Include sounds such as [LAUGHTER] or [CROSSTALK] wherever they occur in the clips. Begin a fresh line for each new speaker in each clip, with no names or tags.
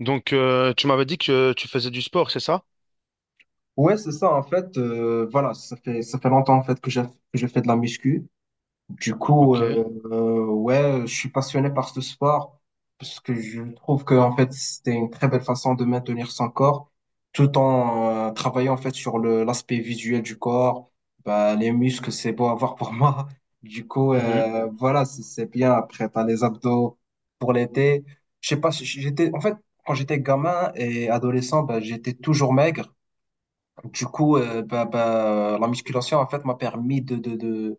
Donc, tu m'avais dit que tu faisais du sport, c'est ça?
Ouais, c'est ça, en fait, voilà, ça fait longtemps, en fait, que je fais de la muscu. Du coup,
Ok.
euh, ouais, je suis passionné par ce sport, parce que je trouve que, en fait, c'était une très belle façon de maintenir son corps, tout en travaillant, en fait, sur l'aspect visuel du corps. Bah, les muscles, c'est beau à voir pour [LAUGHS] moi. Du coup,
Mhm.
voilà, c'est bien. Après, t'as les abdos pour l'été. Je sais pas, si j'étais, en fait, quand j'étais gamin et adolescent, bah, j'étais toujours maigre. La musculation, en fait, m'a permis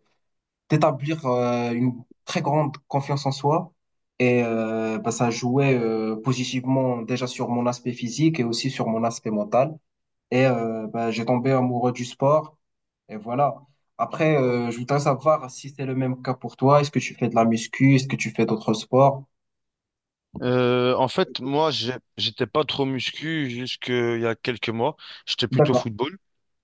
d'établir une très grande confiance en soi. Et ben, ça jouait positivement déjà sur mon aspect physique et aussi sur mon aspect mental. Et ben, j'ai tombé amoureux du sport. Et voilà. Après, je voudrais savoir si c'est le même cas pour toi. Est-ce que tu fais de la muscu? Est-ce que tu fais d'autres sports?
En fait, moi, j'étais pas trop muscu jusqu'il y a quelques mois. J'étais plutôt
D'accord.
football.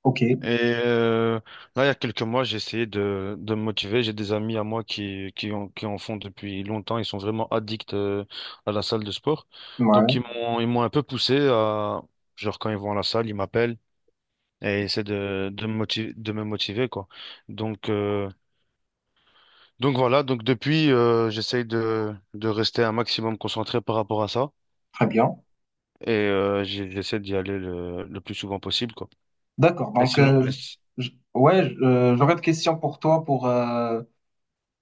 OK.
Et euh, là, il y a quelques mois, j'ai essayé de me motiver. J'ai des amis à moi qui en font depuis longtemps. Ils sont vraiment addicts à la salle de sport. Donc,
Ouais.
ils m'ont un peu poussé à, genre, quand ils vont à la salle, ils m'appellent et ils essaient de me motiver, quoi. Donc, euh, Donc voilà, donc depuis, j'essaye de rester un maximum concentré par rapport à ça
Très bien.
et j'essaie d'y aller le plus souvent possible, quoi.
D'accord.
Et sinon,
J'aurais des questions pour toi pour...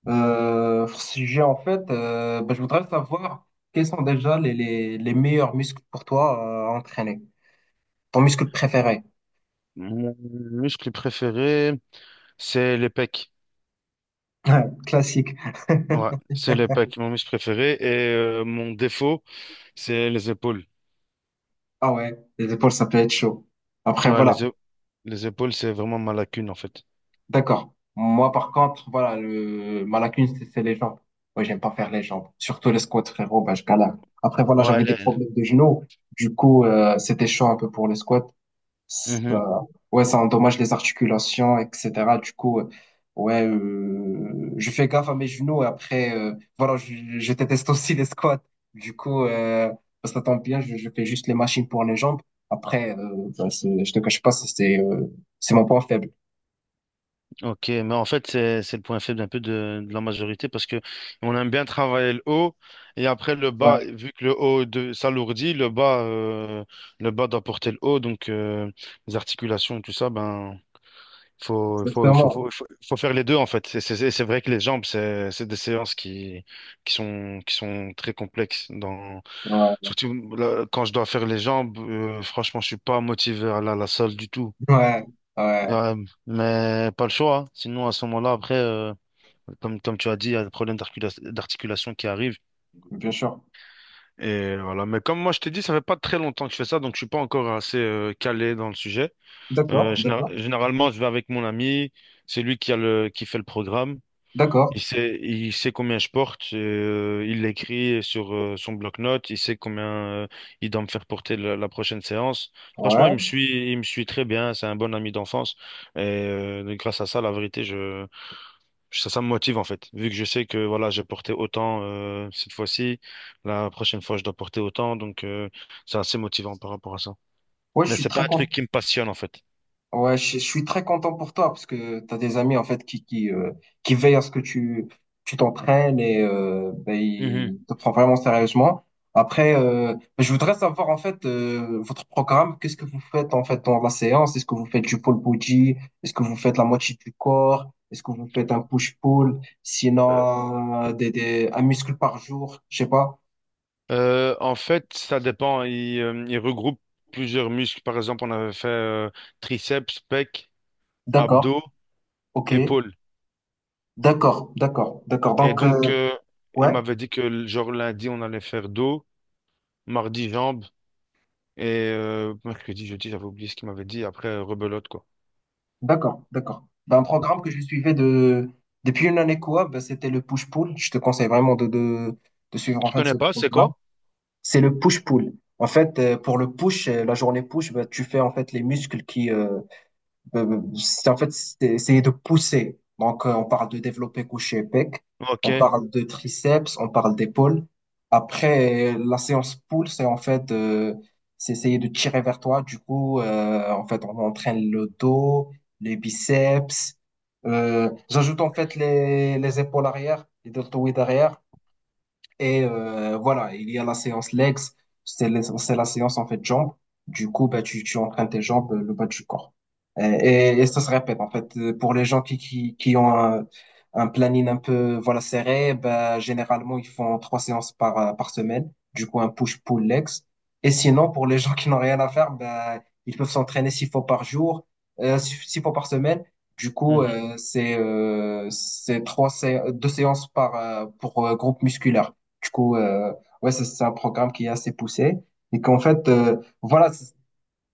Euh, sujet, en fait, bah, je voudrais savoir quels sont déjà les meilleurs muscles pour toi à entraîner. Ton muscle préféré.
mon muscle préféré, c'est les pecs.
[LAUGHS] Classique.
Ouais, c'est les pecs, mon muscle préféré. Et mon défaut, c'est les épaules.
Ah ouais, les épaules, ça peut être chaud. Après,
Ouais,
voilà.
les épaules, c'est vraiment ma lacune, en fait.
D'accord. Moi, par contre, voilà, ma lacune, c'est les jambes. Ouais, j'aime pas faire les jambes. Surtout les squats, frérot, bah, je galère. Après, voilà,
Ouais,
j'avais des
les-
problèmes de genoux. C'était chaud un peu pour les squats. Ça,
Mhm.
ouais, ça endommage les articulations, etc. Du coup, euh, ouais, je fais gaffe à mes genoux et après, voilà, je déteste aussi les squats. Du coup, bah, ça tombe bien, je fais juste les machines pour les jambes. Après, ben, je te cache pas, c'est mon point faible.
Ok, mais en fait, c'est le point faible un peu de la majorité parce que on aime bien travailler le haut et après le bas,
Ouais,
vu que le haut de, s'alourdit, le bas doit porter le haut, donc les articulations, tout ça, ben, faut, faut, faut,
exactement.
faut, faut, faut faire les deux en fait. C'est vrai que les jambes, c'est des séances qui sont très complexes.
Ouais,
Surtout là, quand je dois faire les jambes, franchement, je suis pas motivé à la salle du tout.
ouais, ouais,
Euh, mais pas le choix, hein. Sinon à ce moment-là, après. Comme, comme tu as dit, il y a des problèmes d'articulation qui arrivent.
bien sûr.
Et voilà. Mais comme moi, je t'ai dit, ça fait pas très longtemps que je fais ça, donc je suis pas encore assez calé dans le sujet.
D'accord, d'accord,
Généralement, je vais avec mon ami. C'est lui qui a le, qui fait le programme.
d'accord.
Il sait combien je porte. Et, il l'écrit sur son bloc-notes. Il sait combien euh, il doit me faire porter la, la prochaine séance. Franchement,
Ouais,
il me suit très bien. C'est un bon ami d'enfance. Et grâce à ça, la vérité, je ça me motive en fait, vu que je sais que voilà, j'ai porté autant cette fois-ci, la prochaine fois je dois porter autant, donc c'est assez motivant par rapport à ça.
ouais, je
Mais
suis
c'est pas
très
un truc
content.
qui me passionne en fait.
Ouais, je suis très content pour toi parce que tu as des amis en fait qui veillent à ce que tu t'entraînes et ben,
Mhm.
ils te prennent vraiment sérieusement. Après, ben, je voudrais savoir en fait votre programme, qu'est-ce que vous faites en fait dans la séance? Est-ce que vous faites du pole body? Est-ce que vous faites la moitié du corps? Est-ce que vous faites un push-pull?
Euh,
Sinon, un muscle par jour? Je sais pas.
En fait, ça dépend. Il regroupe plusieurs muscles. Par exemple, on avait fait triceps, pec,
D'accord,
abdos,
ok.
épaules.
D'accord, d'accord, d'accord.
Et donc, il
Ouais.
m'avait dit que genre lundi, on allait faire dos, mardi, jambes, et mercredi, jeudi, j'avais oublié ce qu'il m'avait dit. Après, rebelote, quoi.
D'accord, d'accord. Ben, un programme que je suivais de... depuis une année quoi, ben, c'était le push-pull. Je te conseille vraiment de suivre en
Tu
fait
connais
ce
pas, c'est
programme.
quoi?
C'est le push-pull. En fait, pour le push, la journée push, ben, tu fais en fait les muscles en fait, c'est de pousser. Donc, on parle de développé couché pec, on
Ok.
parle de triceps, on parle d'épaule. Après, la séance pull, c'est en fait, c'est essayer de tirer vers toi. Du coup, en fait, on entraîne le dos, les biceps. J'ajoute en fait les épaules arrière, les deltoïdes arrière. Et voilà, il y a la séance legs, c'est la séance en fait jambes. Du coup, bah, tu entraînes tes jambes, le bas du corps. Et ça se répète en fait. Pour les gens qui ont un planning un peu voilà, serré, bah, généralement, ils font trois séances par, par semaine. Du coup, un push-pull legs. Et sinon, pour les [LAUGHS] gens qui n'ont rien à faire, bah, ils peuvent s'entraîner six fois par jour, six fois par semaine. Du coup,
Mhm.
c'est deux séances par pour groupe musculaire. Du coup, ouais, c'est un programme qui est assez poussé. Et qu'en fait, voilà, c'est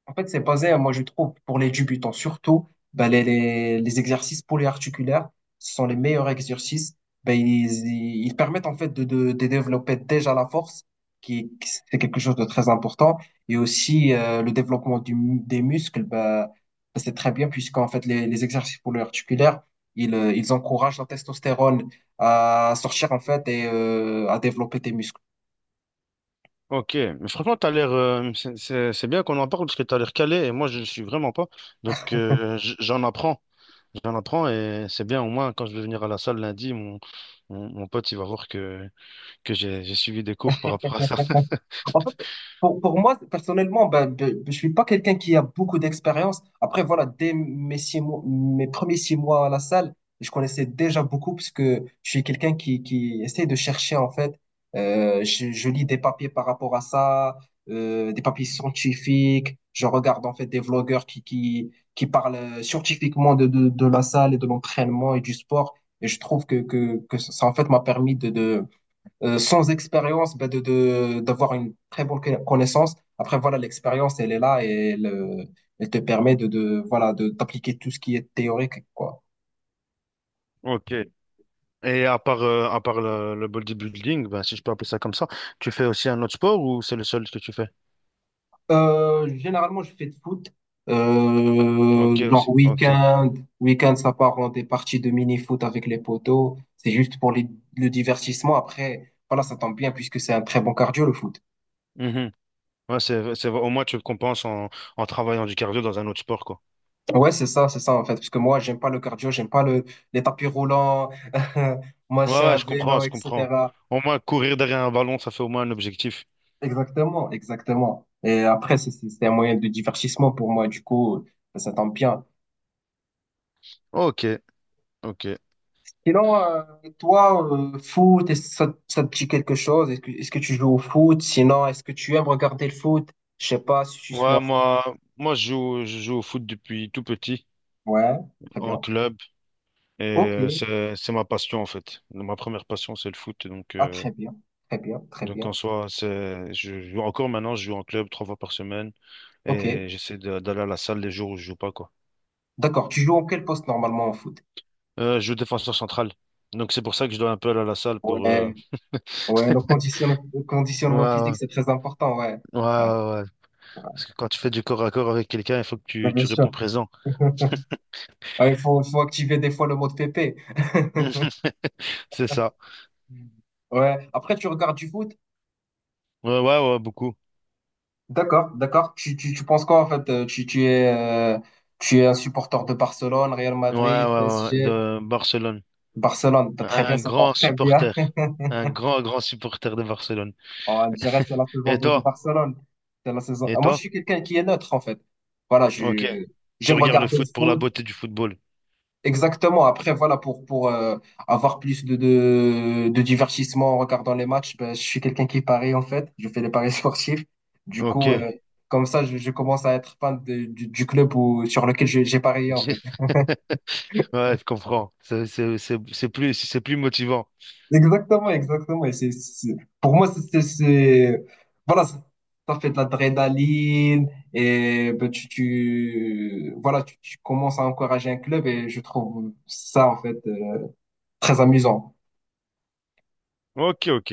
en fait, c'est basé, moi je trouve, pour les débutants surtout, ben, les exercices polyarticulaires, ce sont les meilleurs exercices. Ben, ils permettent en fait de développer déjà la force, c'est quelque chose de très important, et aussi le développement des muscles, ben, c'est très bien puisqu'en fait les exercices polyarticulaires, ils encouragent la testostérone à sortir en fait et à développer tes muscles.
Ok, mais franchement, t'as l'air, c'est bien qu'on en parle parce que t'as l'air calé et moi je le suis vraiment pas. Donc j'en apprends et c'est bien au moins quand je vais venir à la salle lundi, mon pote il va voir que j'ai suivi des cours par rapport à ça. [LAUGHS]
En fait, pour moi, personnellement, ben, je suis pas quelqu'un qui a beaucoup d'expérience. Après, voilà, dès mes six mois, mes premiers six mois à la salle, je connaissais déjà beaucoup parce que je suis quelqu'un qui essaie de chercher, en fait. Je lis des papiers par rapport à ça, des papiers scientifiques. Je regarde, en fait, des vlogueurs qui parlent scientifiquement de la salle et de l'entraînement et du sport. Et je trouve que, ça, en fait, m'a permis de sans expérience, d'avoir une très bonne connaissance. Après, voilà, l'expérience, elle est là et elle, elle te permet voilà, d'appliquer tout ce qui est théorique, quoi.
Ok, et à part le bodybuilding, ben, si je peux appeler ça comme ça, tu fais aussi un autre sport ou c'est le seul que tu fais?
Généralement, je fais de foot.
Ok,
Euh, genre
aussi. Ok.
week-end, Week-end, ça part en des parties de mini-foot avec les potos. C'est juste pour le divertissement. Après, voilà, ça tombe bien puisque c'est un très bon cardio, le foot.
Mhm. Ouais, au moins, tu compenses en travaillant du cardio dans un autre sport, quoi.
Ouais, c'est ça en fait. Parce que moi, j'aime pas le cardio, j'aime pas les tapis roulants, [LAUGHS]
Ouais, ouais,
machin,
je comprends,
vélo,
je comprends.
etc.
Au moins, courir derrière un ballon, ça fait au moins un objectif.
Exactement, exactement. Et après, c'est un moyen de divertissement pour moi, du coup, ça tombe bien.
Ok, ok.
Sinon, toi, foot, est-ce que ça te dit quelque chose? Est-ce que tu joues au foot? Sinon, est-ce que tu aimes regarder le foot? Je sais pas si tu suis en
Ouais,
fait.
je joue au foot depuis tout petit,
Ouais, très
en
bien.
club, et
Ok,
c'est ma passion, en fait. Ma première passion, c'est le foot, donc,
ah, très bien, très bien, très
donc
bien.
en soi, c'est, je joue encore maintenant, je joue en club trois fois par semaine
Ok,
et d'aller à la salle les jours où je joue pas quoi.
d'accord. Tu joues en quel poste normalement au foot?
Je joue défenseur central. Donc c'est pour ça que je dois un peu aller à la salle pour
Ouais. Ouais, le
ouais,
conditionnement physique,
ouais,
c'est très important, ouais.
ouais,
Ouais,
ouais, ouais. Parce que quand tu fais du corps à corps avec quelqu'un, il faut que
ouais,
tu,
bien
tu réponds
sûr.
présent.
[LAUGHS] Ouais, il faut activer des fois le mode pépé. [LAUGHS]
[LAUGHS] C'est ça.
Ouais, après tu regardes du foot,
Ouais, ouais, ouais, beaucoup.
d'accord, d'accord. Tu penses quoi en fait? Tu es, tu es un supporter de Barcelone, Real
Ouais, ouais,
Madrid,
ouais, ouais.
PSG,
De Barcelone.
Barcelone. T'as très bien,
Un
ça part
grand
très bien.
supporter. Un
[LAUGHS]
grand, grand supporter de Barcelone.
On dirait que c'est la saison
Et
de
toi?
Barcelone. C'est la saison.
Et
Ah, moi, je
toi?
suis quelqu'un qui est neutre en fait. Voilà,
Ok.
je
Tu
j'aime
regardes le
regarder le
foot pour la
foot.
beauté du football.
Exactement. Après, voilà, pour avoir plus de divertissement en regardant les matchs, ben, je suis quelqu'un qui parie en fait. Je fais les paris [LAUGHS] sportifs. Du
Ok.
coup, comme ça, je commence à être fan du club où, sur lequel j'ai parié en fait.
[LAUGHS]
[LAUGHS]
Ouais, je comprends. C'est plus, c'est plus motivant.
Exactement, exactement. Et pour moi, c'est voilà, ça fait de l'adrénaline et ben, voilà, tu commences à encourager un club et je trouve ça en fait très amusant.
Ok, ok.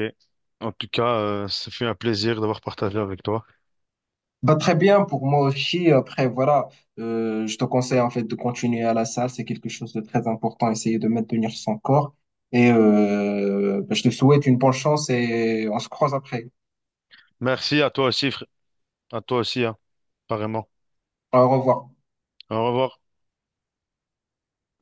En tout cas, ça fait un plaisir d'avoir partagé avec toi.
Bah, très bien, pour moi aussi, après, voilà, je te conseille en fait de continuer à la salle, c'est quelque chose de très important, essayer de maintenir son corps. Et bah, je te souhaite une bonne chance et on se croise après.
Merci à toi aussi, frère. À toi aussi, hein. Apparemment.
Au revoir.
Au revoir.